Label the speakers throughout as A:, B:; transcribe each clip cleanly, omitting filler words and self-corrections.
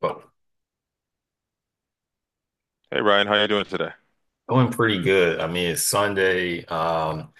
A: But
B: Hey Ryan, how you doing today?
A: going pretty good. I mean, it's Sunday.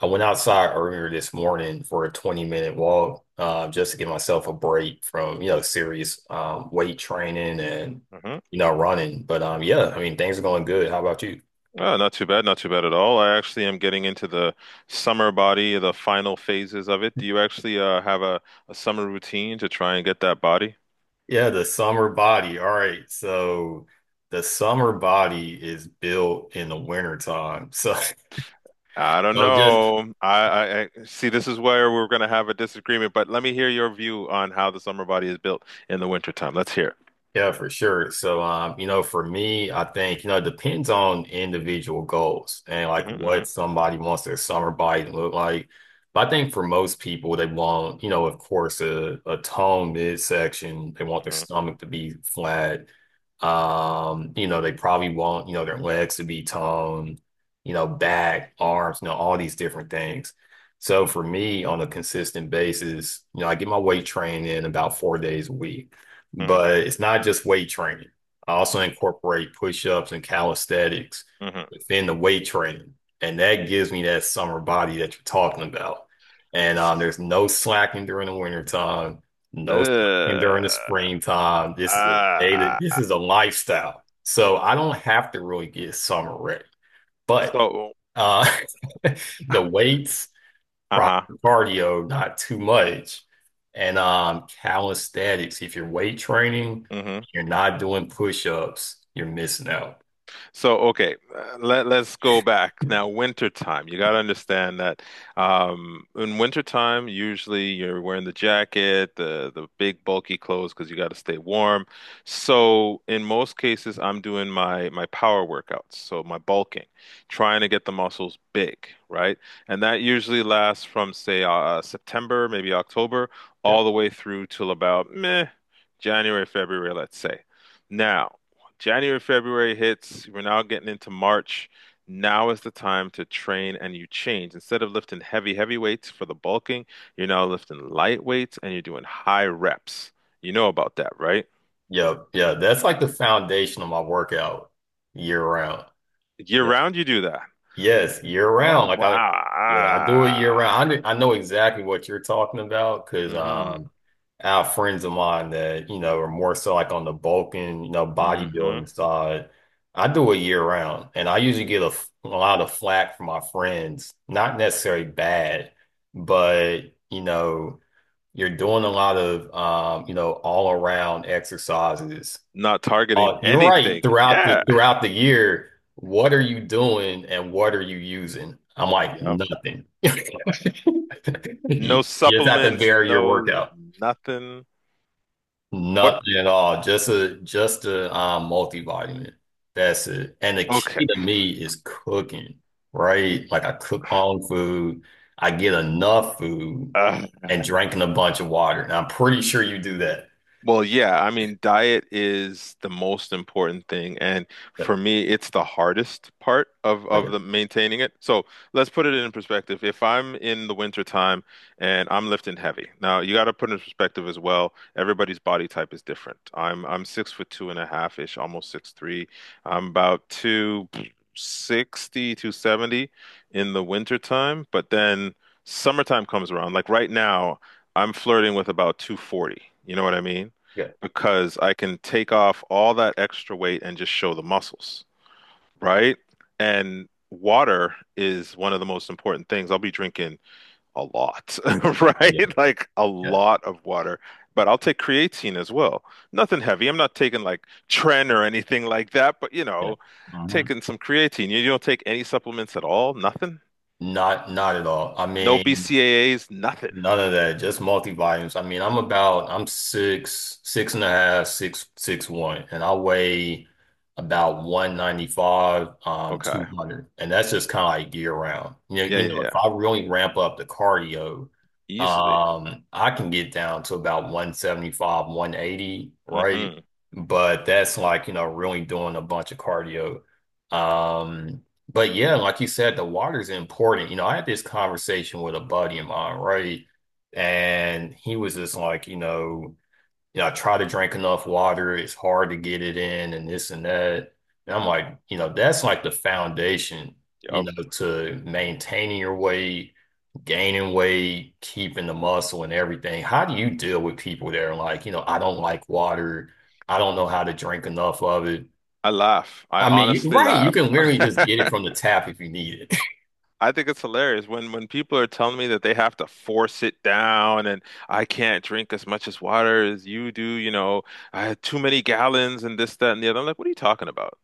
A: I went outside earlier this morning for a 20-minute walk, just to give myself a break from, serious weight training and,
B: Hmm.
A: running. But yeah, I mean, things are going good. How about you?
B: Oh, not too bad, not too bad at all. I actually am getting into the summer body, the final phases of it. Do you actually have a summer routine to try and get that body?
A: Yeah, the summer body. All right. So the summer body is built in the winter time. So,
B: I don't
A: so just.
B: know. I see this is where we're going to have a disagreement, but let me hear your view on how the summer body is built in the wintertime. Let's hear
A: Yeah, for sure. So, for me, I think, it depends on individual goals and
B: it.
A: like
B: Hmm.
A: what somebody wants their summer body to look like. But I think for most people, they want, of course, a toned midsection. They want their
B: Hmm.
A: stomach to be flat. They probably want, their legs to be toned, back, arms, all these different things. So for me, on a consistent basis, I get my weight training in about 4 days a week,
B: Hmm.
A: but it's not just weight training. I also incorporate push-ups and calisthenics
B: Hmm. Hmm.
A: within the weight training, and that gives me that summer body that you're talking about. And there's no slacking during the wintertime, no slacking
B: Uh,
A: during the springtime. This is a day that this
B: ah.
A: is a lifestyle. So I don't have to really get summer ready, but
B: So.
A: uh, the weights,
B: Uh-huh.
A: proper cardio, not too much, and calisthenics. If you're weight training,
B: Hmm.
A: you're not doing push-ups, you're missing out.
B: So, okay, let's go back. Now, wintertime, you got to understand that in wintertime, usually you're wearing the jacket, the big bulky clothes because you got to stay warm. So, in most cases, I'm doing my power workouts, so my bulking, trying to get the muscles big, right? And that usually lasts from, say, September, maybe October,
A: Yep,
B: all the way through till about January, February, let's say. Now, January, February hits. We're now getting into March. Now is the time to train and you change. Instead of lifting heavy, heavy weights for the bulking, you're now lifting light weights and you're doing high reps. You know about that, right?
A: yep, yeah. That's like the foundation of my workout year round.
B: Year round, you do that.
A: Yes, year round.
B: Oh,
A: Yeah, I do it year
B: wow.
A: round. I know exactly what you're talking about, because
B: Hmm.
A: I have friends of mine that you know are more so like on the bulking,
B: Hmm.
A: bodybuilding side. I do it year round, and I usually get a lot of flack from my friends. Not necessarily bad, but you know, you're doing a lot of all around exercises.
B: Not targeting
A: You're right.
B: anything.
A: Throughout the
B: Yeah.
A: throughout the year, what are you doing and what are you using? I'm like,
B: Yep.
A: nothing.
B: No
A: You just have to
B: supplements,
A: vary
B: no
A: your workout.
B: nothing. What?
A: Nothing at all. Just a multivitamin. That's it. And the
B: Okay.
A: key to me is cooking, right? Like I cook my own food, I get enough food
B: Uh,
A: and drinking a bunch of water. And I'm pretty sure you do that.
B: Well, yeah, I mean, diet is the most important thing, and
A: Yeah.
B: for me, it's the hardest part of
A: Oh
B: of
A: yeah.
B: the maintaining it. So let's put it in perspective. If I'm in the winter time and I'm lifting heavy, now you got to put it in perspective as well. Everybody's body type is different. I'm 6 foot two and a half ish, almost six three. I'm about 260, 270 in the winter time, but then summertime comes around. Like right now, I'm flirting with about 240. You know what I mean?
A: Yeah.
B: Because I can take off all that extra weight and just show the muscles, right? And water is one of the most important things. I'll be drinking a lot,
A: Oh yeah.
B: right? Like a
A: Yeah.
B: lot of water. But I'll take creatine as well. Nothing heavy. I'm not taking like Tren or anything like that, but you know,
A: Yeah.
B: taking some creatine. You don't take any supplements at all? Nothing?
A: Not at all. I
B: No
A: mean,
B: BCAAs? Nothing.
A: none of that. Just multi-volumes. I mean, I'm six, six and a half, six, 6'1", and I weigh about 195,
B: Okay.
A: 200. And that's just kind of like year round. You know,
B: Yeah,
A: you
B: yeah,
A: know, if
B: yeah.
A: I really ramp up the cardio,
B: Easily.
A: I can get down to about 175, 180, right?
B: Mm-hmm.
A: But that's like, really doing a bunch of cardio. Um, but yeah, like you said, the water's important. I had this conversation with a buddy of mine, right? And he was just like, I try to drink enough water. It's hard to get it in and this and that. And I'm like, that's like the foundation,
B: Yep.
A: to maintaining your weight, gaining weight, keeping the muscle and everything. How do you deal with people that are like, I don't like water. I don't know how to drink enough of it.
B: I laugh. I
A: I mean, you,
B: honestly
A: right, you can
B: laugh.
A: literally just get it from the tap if you need it.
B: I think it's hilarious when people are telling me that they have to force it down and I can't drink as much as water as you do, I had too many gallons and this, that, and the other. I'm like, what are you talking about?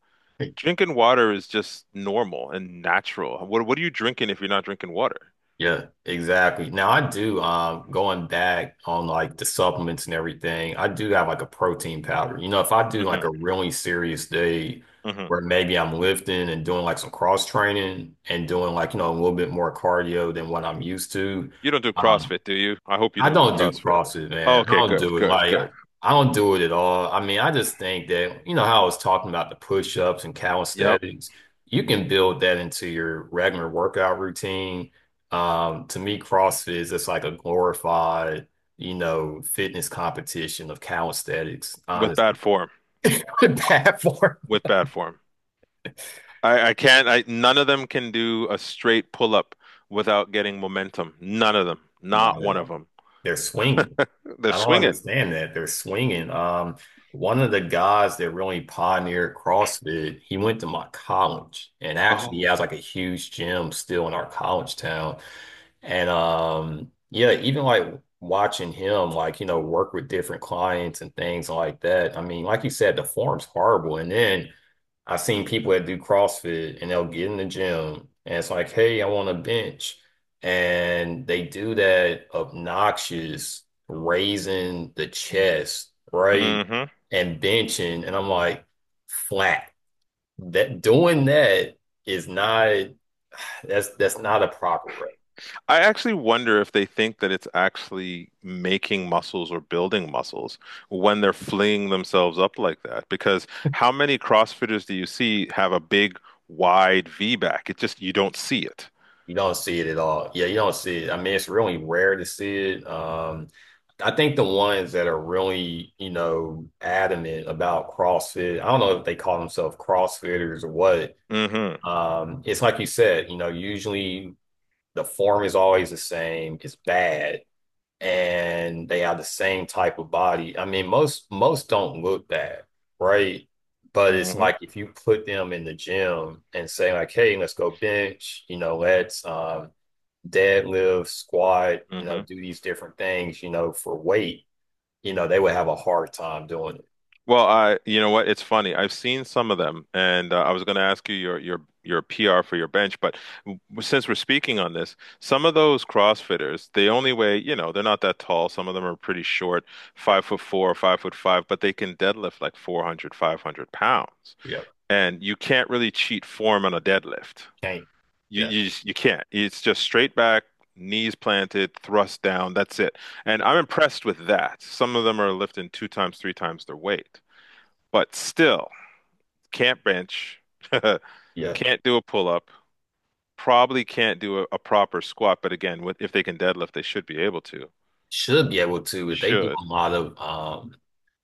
B: Drinking water is just normal and natural. What are you drinking if you're not drinking water?
A: Yeah, exactly. Now I do going back on like the supplements and everything, I do have like a protein powder. If I do like
B: Hmm.
A: a really serious day
B: Hmm.
A: where maybe I'm lifting and doing like some cross training and doing like, a little bit more cardio than what I'm used to.
B: You don't do
A: um,
B: CrossFit, do you? I hope you
A: I
B: don't do
A: don't do
B: CrossFit.
A: CrossFit,
B: Oh,
A: man. I
B: okay,
A: don't
B: good,
A: do it.
B: good,
A: Like, I,
B: good.
A: I don't do it at all. I mean, I just think that, how I was talking about the push-ups and
B: Yep.
A: calisthenics, you can build that into your regular workout routine. To me, CrossFit is just like a glorified, fitness competition of calisthenics,
B: With
A: honestly.
B: bad form.
A: Bad form.
B: With bad form. I can't I None of them can do a straight pull up without getting momentum. None of them. Not
A: Not at
B: one of
A: all.
B: them.
A: They're swinging.
B: They're
A: I don't
B: swinging.
A: understand that. They're swinging. One of the guys that really pioneered CrossFit, he went to my college, and actually, he
B: Oh.
A: has like a huge gym still in our college town. And yeah, even like watching him, like work with different clients and things like that. I mean, like you said, the form's horrible, and then I've seen people that do CrossFit and they'll get in the gym and it's like, hey, I want a bench. And they do that obnoxious raising the chest, right?
B: Hmm.
A: And benching. And I'm like, flat. That doing that is not, that's not a proper.
B: I actually wonder if they think that it's actually making muscles or building muscles when they're flinging themselves up like that. Because how many CrossFitters do you see have a big, wide V back? It just, you don't see it.
A: You don't see it at all. Yeah, you don't see it. I mean, it's really rare to see it. I think the ones that are really, adamant about CrossFit, I don't know if they call themselves CrossFitters or what.
B: Hmm.
A: It's like you said, usually the form is always the same. It's bad and they are the same type of body. I mean, most don't look that, right? But it's
B: Hmm.
A: like if you put them in the gym and say like, hey, let's go bench, let's deadlift, squat,
B: Hmm.
A: do these different things, for weight, they would have a hard time doing it.
B: Well, you know what? It's funny. I've seen some of them, and I was going to ask you your PR for your bench, but since we're speaking on this, some of those CrossFitters, they only weigh, they're not that tall. Some of them are pretty short,
A: Yeah,
B: 5 foot four five foot five, but they can deadlift like 400, 500 pounds,
A: yeah.
B: and you can't really cheat form on a deadlift.
A: Can't.
B: You
A: Yeah.
B: you just- you can't. It's just straight back. Knees planted, thrust down, that's it. And
A: Yeah.
B: I'm impressed with that. Some of them are lifting two times, three times their weight. But still, can't bench,
A: Yeah.
B: can't do a pull up, probably can't do a proper squat. But again, if they can deadlift, they should be able to.
A: Should be able to, but they do
B: Should.
A: a lot of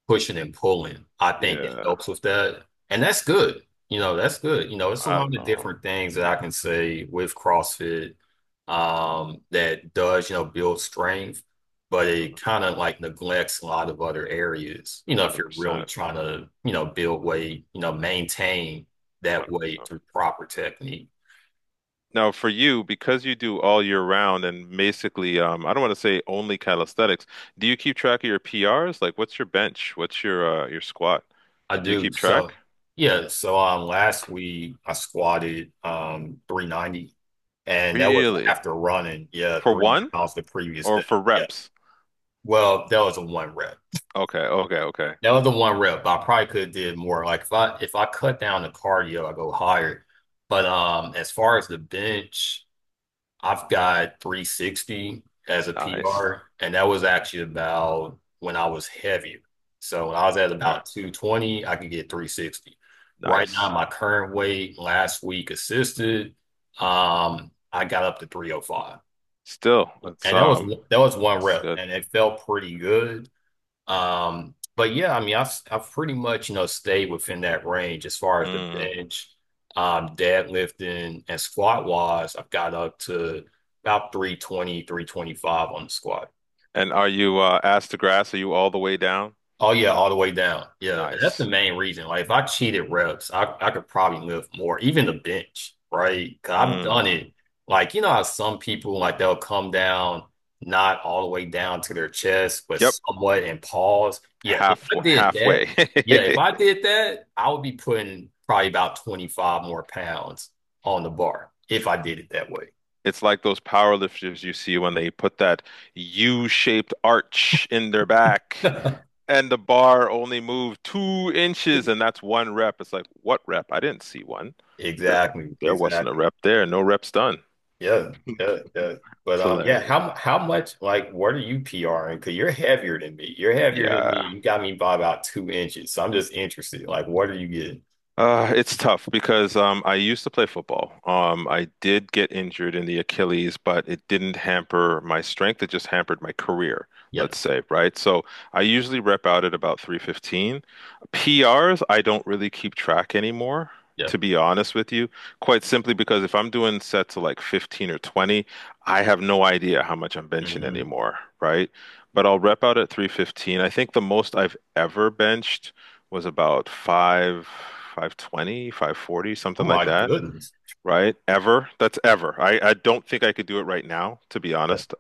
A: pushing and pulling. I think it
B: Yeah,
A: helps with that. And that's good. That's good. It's a
B: I
A: lot
B: don't
A: of
B: know.
A: different things that I can say with CrossFit that does, build strength, but
B: Mm,
A: it kind of like neglects a lot of other areas. If you're really
B: 100%.
A: trying to, build weight, maintain that weight
B: 100%.
A: through proper technique.
B: Now, for you, because you do all year round and basically, I don't want to say only calisthenics, do you keep track of your PRs? Like, what's your bench? What's your squat?
A: I
B: Do you
A: do.
B: keep track?
A: So yeah, last week I squatted 390, and that was
B: Really?
A: after running, yeah,
B: For
A: three
B: one
A: miles the previous
B: or
A: day.
B: for
A: Yeah.
B: reps?
A: Well, that was a one rep.
B: Okay, okay, okay.
A: That was a one rep. I probably could have did more. Like if I cut down the cardio, I go higher. But as far as the bench, I've got 360 as a
B: Nice.
A: PR, and that was actually about when I was heavier. So when I was at
B: Okay.
A: about 220, I could get 360. Right now,
B: Nice.
A: my current weight last week assisted, I got up to 305.
B: Still, that's
A: And that was
B: um,
A: that was one
B: that's
A: rep,
B: good.
A: and it felt pretty good. But yeah, I mean, I've pretty much, stayed within that range as far as the
B: Mm.
A: bench. Deadlifting and squat wise, I've got up to about 320, 325 on the squat.
B: And are you ass to grass? Are you all the way down?
A: Oh yeah, all the way down. Yeah, and that's the
B: Nice.
A: main reason. Like if I cheated reps, I could probably lift more, even the bench, right? Cause I've done
B: Mm.
A: it. Like you know how some people like they'll come down not all the way down to their chest, but
B: Yep.
A: somewhat and pause. Yeah, if I did that,
B: Halfway.
A: yeah, if I did that, I would be putting probably about 25 more pounds on the bar if I did it that way.
B: It's like those power lifters you see when they put that U-shaped arch in their back, and the bar only moved 2 inches, and that's one rep. It's like, what rep? I didn't see one. There,
A: Exactly,
B: there wasn't a
A: exactly.
B: rep there. No reps done.
A: Yeah, yeah, yeah. But
B: It's
A: yeah,
B: hilarious.
A: how much, like, what are you PRing? Because you're heavier than me. You're heavier than me.
B: Yeah.
A: You got me by about 2 inches. So I'm just interested. Like, what are you getting?
B: It's tough because I used to play football. I did get injured in the Achilles, but it didn't hamper my strength. It just hampered my career,
A: Yeah,
B: let's say, right? So I usually rep out at about 315. PRs, I don't really keep track anymore,
A: yeah.
B: to be honest with you, quite simply because if I'm doing sets of like 15 or 20, I have no idea how much I'm benching
A: Hmm.
B: anymore, right? But I'll rep out at 315. I think the most I've ever benched was about 520, 540,
A: Oh
B: something like
A: my
B: that,
A: goodness.
B: right? Ever. That's ever. I don't think I could do it right now, to be
A: Uh,
B: honest.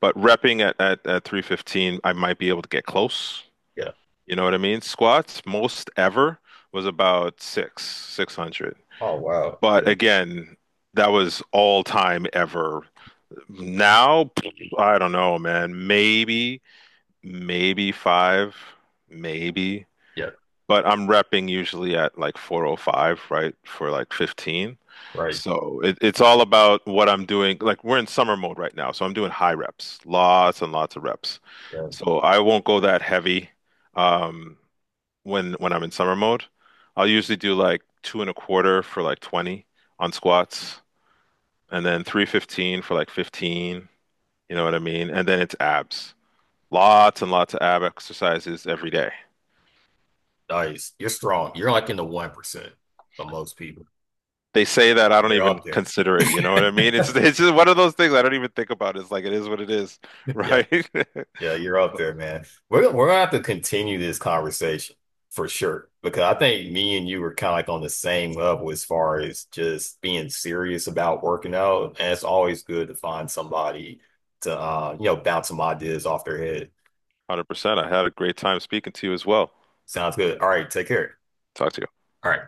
B: But repping at 315, I might be able to get close.
A: yeah.
B: You know what I mean? Squats, most ever was about 600.
A: Oh wow.
B: But
A: Yeah,
B: again, that was all time ever. Now, I don't know, man. Maybe five, maybe
A: yeah.
B: but I'm repping usually at like 405, right, for like 15.
A: Right.
B: So it's all about what I'm doing. Like we're in summer mode right now, so I'm doing high reps, lots and lots of reps.
A: Yeah.
B: So I won't go that heavy um, when I'm in summer mode. I'll usually do like two and a quarter for like 20 on squats, and then 315 for like 15. You know what I mean? And then it's abs. Lots and lots of ab exercises every day.
A: Nice. You're strong. You're like in the 1% for most people.
B: They say that I don't
A: You're
B: even
A: up there.
B: consider it. You know what I mean? It's just one of those things I don't even think about. It's like it is what it is,
A: Yeah.
B: right? one
A: Yeah, you're up there, man. We're gonna have to continue this conversation for sure, because I think me and you were kind of like on the same level as far as just being serious about working out, and it's always good to find somebody to bounce some ideas off their head.
B: Hundred percent. I had a great time speaking to you as well.
A: Sounds good. All right, take care.
B: Talk to you.
A: All right.